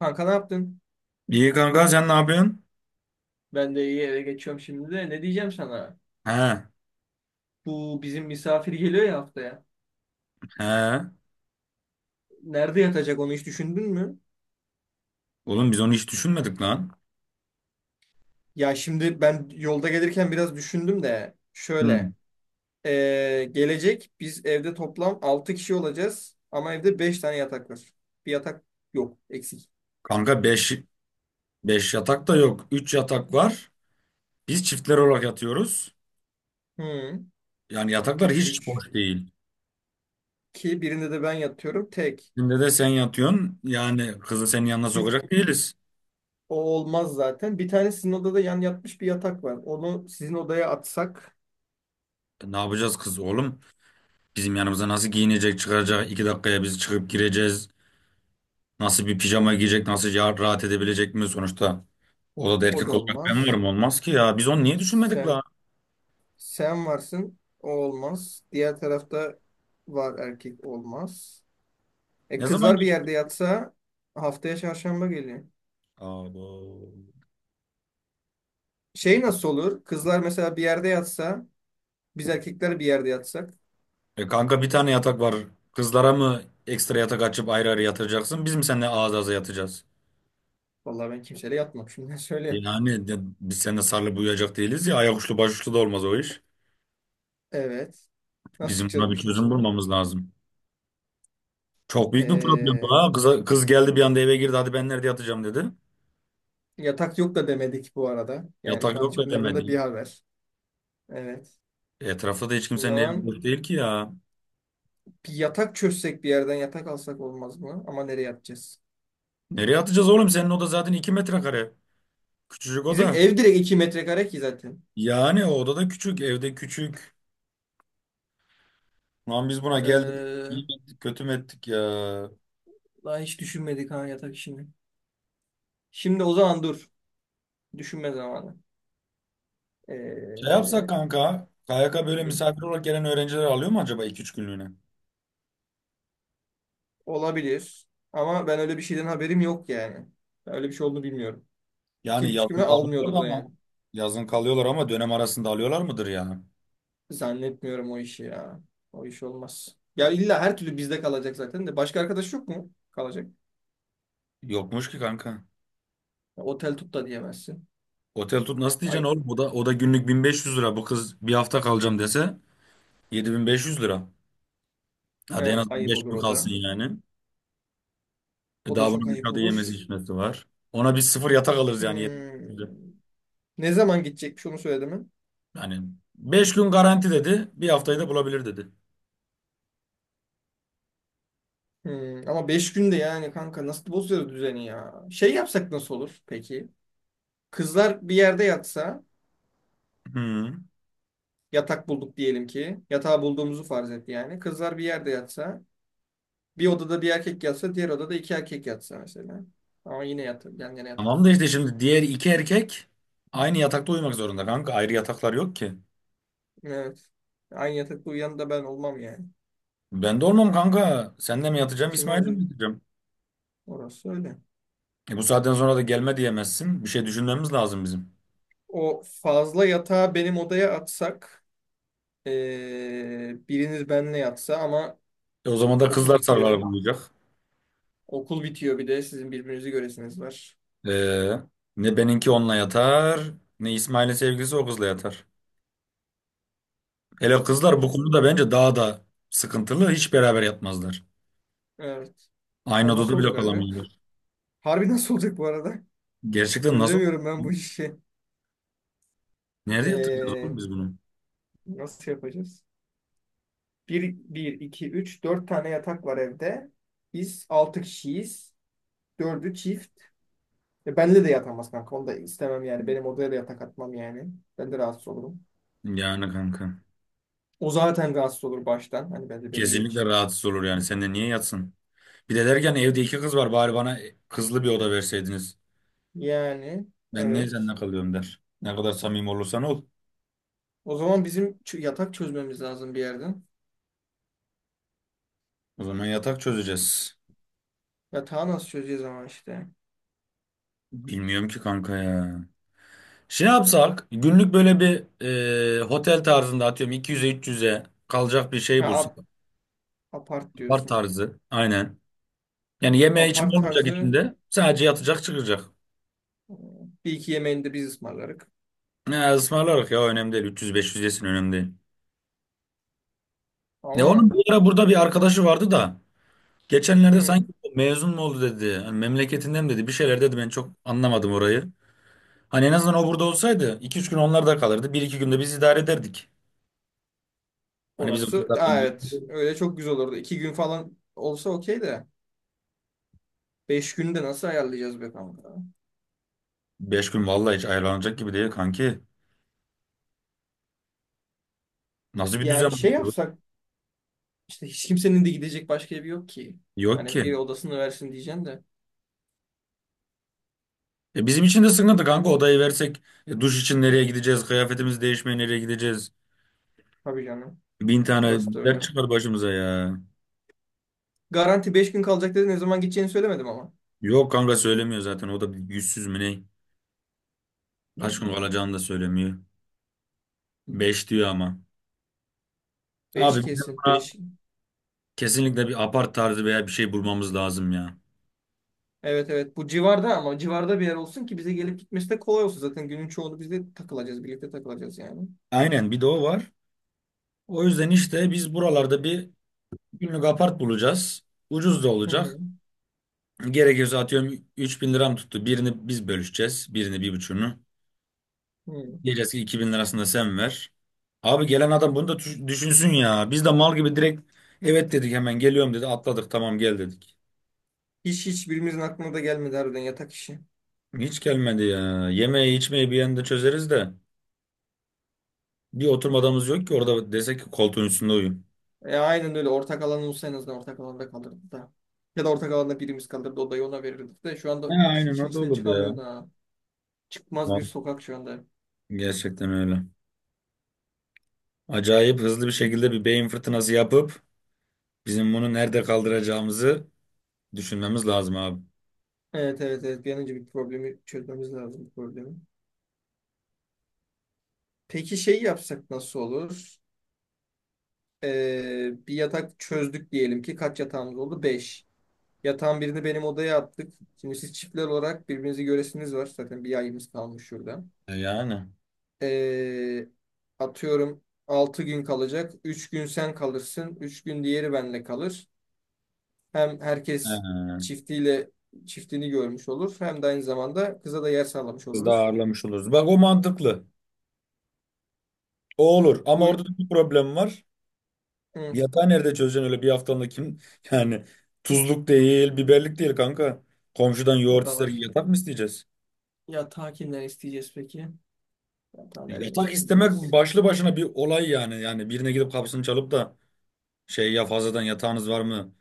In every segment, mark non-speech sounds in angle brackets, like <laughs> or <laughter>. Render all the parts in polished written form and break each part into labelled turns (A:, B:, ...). A: Kanka ne yaptın?
B: İyi kanka sen ne yapıyorsun?
A: Ben de iyi, eve geçiyorum şimdi de. Ne diyeceğim sana?
B: He,
A: Bu bizim misafir geliyor ya haftaya.
B: he.
A: Nerede yatacak onu hiç düşündün mü?
B: Oğlum biz onu hiç düşünmedik lan.
A: Ya şimdi ben yolda gelirken biraz düşündüm de
B: Hı.
A: şöyle. Gelecek biz evde toplam 6 kişi olacağız ama evde 5 tane yatak var. Bir yatak yok, eksik.
B: Kanka beş yatak da yok. Üç yatak var. Biz çiftler olarak yatıyoruz.
A: Hmm.
B: Yani yataklar
A: 3
B: hiç
A: 3.
B: boş değil.
A: Ki birinde de ben yatıyorum tek.
B: Şimdi de sen yatıyorsun. Yani kızı senin yanına
A: Bir,
B: sokacak değiliz.
A: o olmaz zaten. Bir tane sizin odada yan yatmış bir yatak var. Onu sizin odaya atsak
B: Ne yapacağız kız oğlum? Bizim yanımıza nasıl giyinecek, çıkaracak? 2 dakikaya biz çıkıp gireceğiz. Nasıl bir pijama giyecek? Nasıl rahat edebilecek mi sonuçta? Odada
A: o da
B: erkek olarak ben
A: olmaz.
B: varım, olmaz ki ya. Biz onu niye düşünmedik lan?
A: Sen sen varsın. O olmaz. Diğer tarafta var, erkek olmaz.
B: Ne zaman
A: Kızlar bir
B: gir?
A: yerde yatsa. Haftaya çarşamba geliyor.
B: Abo.
A: Şey, nasıl olur? Kızlar mesela bir yerde yatsa, biz erkekler bir yerde yatsak.
B: Kanka bir tane yatak var. Kızlara mı ekstra yatak açıp ayrı ayrı yatıracaksın? Biz mi seninle ağız ağza yatacağız?
A: Vallahi ben kimseyle yatmam, şimdiden söyleyeyim.
B: Yani biz seninle sarılıp uyuyacak değiliz ya. Ayak uçlu baş uçlu da olmaz o iş.
A: Evet. Nasıl
B: Bizim
A: çıkacağız
B: buna
A: bu
B: bir
A: işin
B: çözüm
A: içinden?
B: bulmamız lazım. Çok büyük bir problem bu
A: Ee,
B: ha. Kız, kız geldi bir anda, eve girdi. Hadi ben nerede yatacağım dedi.
A: yatak yok da demedik bu arada. Yani
B: Yatak
A: şu an
B: yok
A: hiç
B: da
A: bunlardan
B: demedi.
A: da bir haber. Evet.
B: Etrafta da hiç
A: O
B: kimsenin evi
A: zaman
B: boş değil ki ya.
A: bir yatak çözsek, bir yerden yatak alsak olmaz mı? Ama nereye yatacağız?
B: Nereye atacağız oğlum? Senin oda zaten 2 metrekare. Küçücük
A: Bizim
B: oda.
A: ev direkt 2 metrekare ki zaten.
B: Yani o oda da küçük. Evde küçük. Lan biz buna geldik.
A: Ee,
B: İyi mi ettik, kötü mü ettik ya?
A: daha hiç düşünmedik ha yatak işini. Şimdi o zaman dur. Düşünme zamanı.
B: Şey
A: Ee,
B: yapsak kanka, KYK böyle
A: hı,
B: misafir olarak gelen öğrenciler alıyor mu acaba 2 üç günlüğüne?
A: olabilir. Ama ben öyle bir şeyden haberim yok yani. Ben öyle bir şey olduğunu bilmiyorum. Ki
B: Yani
A: yükümü
B: yazın kalıyorlar
A: almıyordur da
B: ama
A: yani.
B: yazın kalıyorlar ama dönem arasında alıyorlar mıdır ya?
A: Zannetmiyorum o işi ya. O iş olmaz. Ya illa her türlü bizde kalacak zaten de. Başka arkadaş yok mu kalacak?
B: Yokmuş ki kanka.
A: Ya otel tut da diyemezsin.
B: Otel tut nasıl diyeceksin
A: Ay,
B: oğlum? O da günlük 1500 lira. Bu kız bir hafta kalacağım dese 7500 lira. Hadi en
A: evet,
B: az
A: ayıp
B: 5
A: olur
B: gün
A: o
B: kalsın
A: da.
B: yani. E
A: O da
B: daha
A: çok
B: bunun
A: ayıp
B: dışarıda yemesi
A: olur.
B: içmesi var. Ona biz sıfır yatak alırız yani. 7500 lira.
A: Hmm. Ne zaman gidecekmiş, onu söyledi mi?
B: Yani 5 gün garanti dedi. Bir haftayı da bulabilir dedi.
A: Ama 5 günde yani kanka, nasıl bozuyoruz düzeni ya? Şey yapsak nasıl olur peki? Kızlar bir yerde yatsa,
B: Hı.
A: yatak bulduk diyelim ki. Yatağı bulduğumuzu farz et yani. Kızlar bir yerde yatsa, bir odada bir erkek yatsa, diğer odada iki erkek yatsa mesela. Ama yine yan yana
B: Tamam
A: yatıyorsun
B: da işte
A: işte.
B: şimdi diğer iki erkek aynı yatakta uyumak zorunda kanka. Ayrı yataklar yok ki.
A: Evet. Aynı yatakta uyuyan da ben olmam yani.
B: Ben de olmam kanka. Seninle mi yatacağım,
A: Kim
B: İsmail'le
A: olacak?
B: mi yatacağım?
A: Orası öyle.
B: E bu saatten sonra da gelme diyemezsin. Bir şey düşünmemiz lazım bizim.
A: O fazla yatağı benim odaya atsak, biriniz benimle yatsa ama
B: E o zaman da
A: okul
B: kızlar
A: bitiyor.
B: sarılarak uyuyacak.
A: Okul bitiyor, bir de sizin birbirinizi göresiniz var.
B: E, Ne benimki onunla yatar, ne İsmail'in sevgilisi o kızla yatar. Hele kızlar bu
A: Ee,
B: konuda bence daha da sıkıntılı. Hiç beraber yatmazlar.
A: evet.
B: Aynı
A: Ama nasıl
B: odada
A: olacak
B: bile
A: harbi?
B: kalamıyorlar.
A: Harbi nasıl olacak bu arada?
B: Gerçekten nasıl?
A: Çözemiyorum ben bu işi.
B: Nerede yatıracağız oğlum
A: Ee,
B: biz bunu?
A: nasıl yapacağız? Bir, iki, üç, dört tane yatak var evde. Biz altı kişiyiz. Dördü çift. Benle de yatamaz kanka. Onu da istemem yani. Benim odaya da yatak atmam yani. Ben de rahatsız olurum.
B: Yani kanka.
A: O zaten rahatsız olur baştan. Hani bence beni
B: Kesinlikle
A: geç.
B: rahatsız olur yani. Sen de niye yatsın? Bir de derken evde iki kız var. Bari bana kızlı bir oda verseydiniz.
A: Yani
B: Ben niye
A: evet.
B: seninle kalıyorum der. Ne kadar samimi olursan ol.
A: O zaman bizim yatak çözmemiz lazım bir yerden.
B: O zaman yatak çözeceğiz.
A: Yatağı nasıl çözeceğiz ama işte.
B: Bilmiyorum ki kanka ya. Şey yapsak günlük böyle bir otel tarzında atıyorum 200'e 300'e kalacak bir şey
A: Ha,
B: bulsak.
A: apart
B: Apart
A: diyorsun.
B: tarzı. Aynen. Yani yeme içme
A: Apart
B: olmayacak
A: tarzı,
B: içinde. Sadece yatacak, çıkacak.
A: e, bir iki yemeğini de biz ısmarlarık.
B: Ne ısmarlarız ya, önemli değil. 300-500 yesin, önemli değil. Ne oğlum,
A: Ama
B: bir ara burada bir arkadaşı vardı da. Geçenlerde
A: hı,
B: sanki mezun mu oldu dedi. Hani memleketinden mi dedi. Bir şeyler dedi, ben çok anlamadım orayı. Hani en azından o burada olsaydı iki üç gün onlar da kalırdı. 1-2 günde biz idare ederdik. Hani bizim
A: orası.
B: kızlar
A: Aa, evet. Öyle çok güzel olurdu. 2 gün falan olsa okey de. 5 günü de nasıl ayarlayacağız be kanka?
B: 5 gün vallahi hiç ayarlanacak gibi değil kanki. Nasıl bir düzen
A: Yani şey
B: bu?
A: yapsak, işte hiç kimsenin de gidecek başka evi yok ki.
B: Yok
A: Hani
B: ki.
A: bir odasını versin diyeceğim de.
B: Bizim için de sıkıntı kanka, odayı versek duş için nereye gideceğiz? Kıyafetimizi değişmeye nereye gideceğiz?
A: Tabii canım.
B: Bin tane
A: Orası da
B: dert
A: öyle.
B: çıkar başımıza ya.
A: Garanti 5 gün kalacak dedi. Ne zaman gideceğini söylemedim ama.
B: Yok kanka, söylemiyor zaten, o da bir yüzsüz mü ne? Kaç gün
A: Hmm.
B: kalacağını da söylemiyor. Beş diyor ama.
A: Beş
B: Abi,
A: kesin. Beş.
B: kesinlikle bir apart tarzı veya bir şey bulmamız lazım ya.
A: Evet, evet, bu civarda ama civarda bir yer olsun ki bize gelip gitmesi de kolay olsun. Zaten günün çoğunu biz de takılacağız, birlikte takılacağız yani.
B: Aynen, bir de o var. O yüzden işte biz buralarda bir günlük apart bulacağız. Ucuz da
A: Hı
B: olacak.
A: hı.
B: Gerekirse atıyorum 3000 liram tuttu. Birini biz bölüşeceğiz. Birini, bir buçuğunu.
A: Hı.
B: Diyeceğiz ki 2000 lirasını da sen ver. Abi, gelen adam bunu da düşünsün ya. Biz de mal gibi direkt evet dedik, hemen geliyorum dedi. Atladık, tamam gel dedik.
A: Hiç birimizin aklına da gelmedi harbiden yatak işi.
B: Hiç gelmedi ya. Yemeği içmeyi bir yanda çözeriz de. Bir oturma odamız yok ki orada desek ki koltuğun üstünde uyuyun.
A: Aynen öyle, ortak alan olsa en azından ortak alanda kalırdı da. Ya da ortak alanda birimiz kalırdı, odayı ona verirdik de şu
B: He,
A: anda hiç
B: aynen o da
A: içinden
B: olur
A: çıkamıyor
B: ya.
A: da. Çıkmaz bir
B: Val-
A: sokak şu anda.
B: Gerçekten öyle. Acayip hızlı bir şekilde bir beyin fırtınası yapıp bizim bunu nerede kaldıracağımızı düşünmemiz lazım abi.
A: Evet, evet, evet, bir an önce bir problemi çözmemiz lazım, bu problemi. Peki şey yapsak nasıl olur? Bir yatak çözdük diyelim ki, kaç yatağımız oldu? Beş. Yatağın birini benim odaya attık. Şimdi siz çiftler olarak birbirinizi göresiniz var. Zaten bir ayımız kalmış şurada.
B: Yani.
A: Ee, atıyorum 6 gün kalacak. 3 gün sen kalırsın. 3 gün diğeri benle kalır. Hem herkes
B: He.
A: çiftiyle çiftini görmüş olur. Hem de aynı zamanda kıza da yer sağlamış
B: Biz daha
A: oluruz.
B: ağırlamış oluruz. Bak, o mantıklı. O olur. Ama
A: Bu
B: orada da bir problem var.
A: hı,
B: Yatağı nerede çözeceksin öyle bir haftanla kim? <laughs> Yani tuzluk değil, biberlik değil kanka. Komşudan
A: o
B: yoğurt
A: da
B: ister,
A: var.
B: yatak mı isteyeceğiz?
A: Yatağı kimden isteyeceğiz peki? Yatağı nereden
B: Yatak istemek
A: isteyeceğiz?
B: başlı başına bir olay yani. Yani birine gidip kapısını çalıp da şey ya, fazladan yatağınız var mı?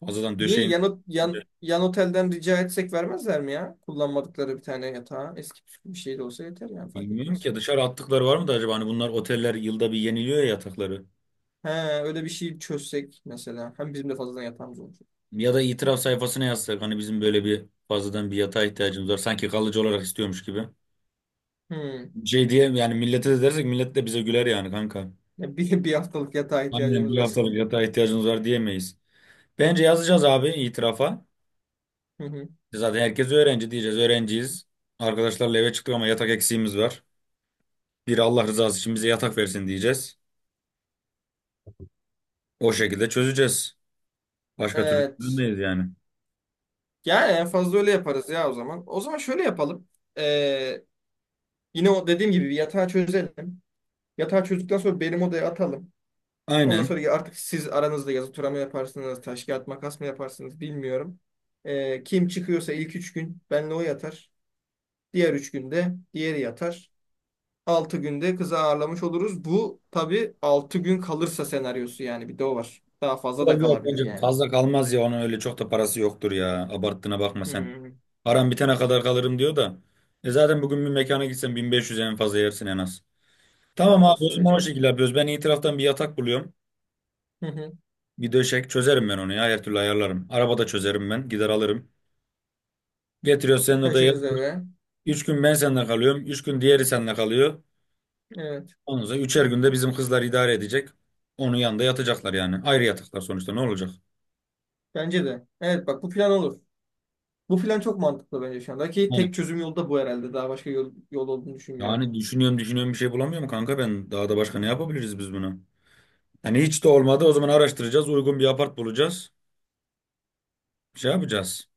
B: Fazladan
A: Niye
B: döşeğiniz
A: yan, yan, yan otelden rica etsek, vermezler mi ya? Kullanmadıkları bir tane yatağı. Eski püskü bir şey de olsa yeter yani, fark
B: bilmiyorum
A: etmez.
B: ki dışarı attıkları var mı da acaba, hani bunlar oteller yılda bir yeniliyor ya yatakları.
A: He, öyle bir şey çözsek mesela. Hem bizim de fazladan yatağımız olacak.
B: Ya da itiraf sayfasına yazsak hani, bizim böyle bir, fazladan bir yatağa ihtiyacımız var. Sanki kalıcı olarak istiyormuş gibi.
A: Hmm.
B: Şey diye yani millete de dersek, millet de bize güler yani kanka.
A: Ya <laughs> bir haftalık yatağa
B: Aynen,
A: ihtiyacımız
B: bir haftalık
A: var.
B: yatağa ihtiyacımız var diyemeyiz. Bence yazacağız abi itirafa.
A: <laughs> Hı hı.
B: Zaten herkes öğrenci diyeceğiz. Öğrenciyiz. Arkadaşlarla eve çıktık ama yatak eksiğimiz var. Bir Allah rızası için bize yatak versin diyeceğiz. O şekilde çözeceğiz. Başka türlü
A: Evet.
B: çözülmeyiz yani.
A: Yani en fazla öyle yaparız ya o zaman. O zaman şöyle yapalım. Ee, yine o dediğim gibi bir yatağı çözelim. Yatağı çözdükten sonra benim odaya atalım. Ondan
B: Aynen.
A: sonra ya artık siz aranızda yazı tura mı yaparsınız, taş kağıt makas mı yaparsınız bilmiyorum. Kim çıkıyorsa ilk 3 gün benle o yatar. Diğer 3 günde diğeri yatar. 6 günde kızı ağırlamış oluruz. Bu tabii 6 gün kalırsa senaryosu yani, bir de o var. Daha fazla
B: Yok
A: da
B: yok,
A: kalabilir
B: bence
A: yani.
B: fazla kalmaz ya, onun öyle çok da parası yoktur ya. Abarttığına bakma sen.
A: Hmm.
B: Param bitene kadar kalırım diyor da. E zaten bugün bir mekana gitsen 1500 en fazla yersin en az.
A: Ya
B: Tamam
A: orası,
B: abi, o zaman o
A: söyleyeceğim.
B: şekilde yapıyoruz. Ben iyi taraftan bir yatak buluyorum.
A: Hı hı.
B: Bir döşek çözerim ben onu ya, her türlü ayarlarım. Arabada çözerim, ben gider alırım. Getiriyoruz senin odaya.
A: Taşırız eve.
B: Üç gün ben seninle kalıyorum. Üç gün diğeri seninle kalıyor.
A: Evet.
B: Ondan sonra üçer günde bizim kızlar idare edecek. Onun yanında yatacaklar yani. Ayrı yataklar sonuçta, ne olacak?
A: Bence de. Evet bak, bu plan olur. Bu plan çok mantıklı bence, şu anda ki tek çözüm yolu da bu herhalde. Daha başka yol olduğunu düşünmüyorum.
B: Yani düşünüyorum düşünüyorum, bir şey bulamıyorum kanka ben. Daha da başka ne yapabiliriz biz bunu? Hani hiç de olmadı, o zaman araştıracağız. Uygun bir apart bulacağız. Şey yapacağız.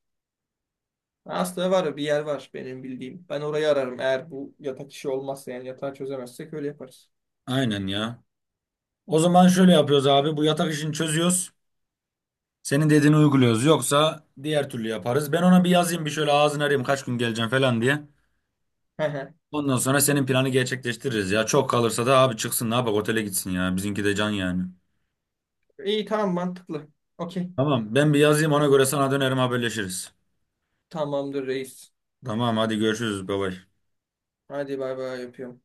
A: Aslında var ya, bir yer var benim bildiğim. Ben orayı ararım, eğer bu yatak işi olmazsa yani yatağı çözemezsek öyle yaparız.
B: Aynen ya. O zaman şöyle yapıyoruz abi. Bu yatak işini çözüyoruz. Senin dediğini uyguluyoruz. Yoksa diğer türlü yaparız. Ben ona bir yazayım, bir şöyle ağzını arayayım kaç gün geleceğim falan diye.
A: <laughs>
B: Ondan sonra senin planı gerçekleştiririz ya. Çok kalırsa da abi çıksın, ne yapak, otele gitsin ya. Bizimki de can yani.
A: İyi, tamam, mantıklı. Okey.
B: Tamam, ben bir yazayım, ona göre sana dönerim, haberleşiriz.
A: Tamamdır reis.
B: Tamam hadi görüşürüz, bye bye.
A: Hadi bay bay yapıyorum.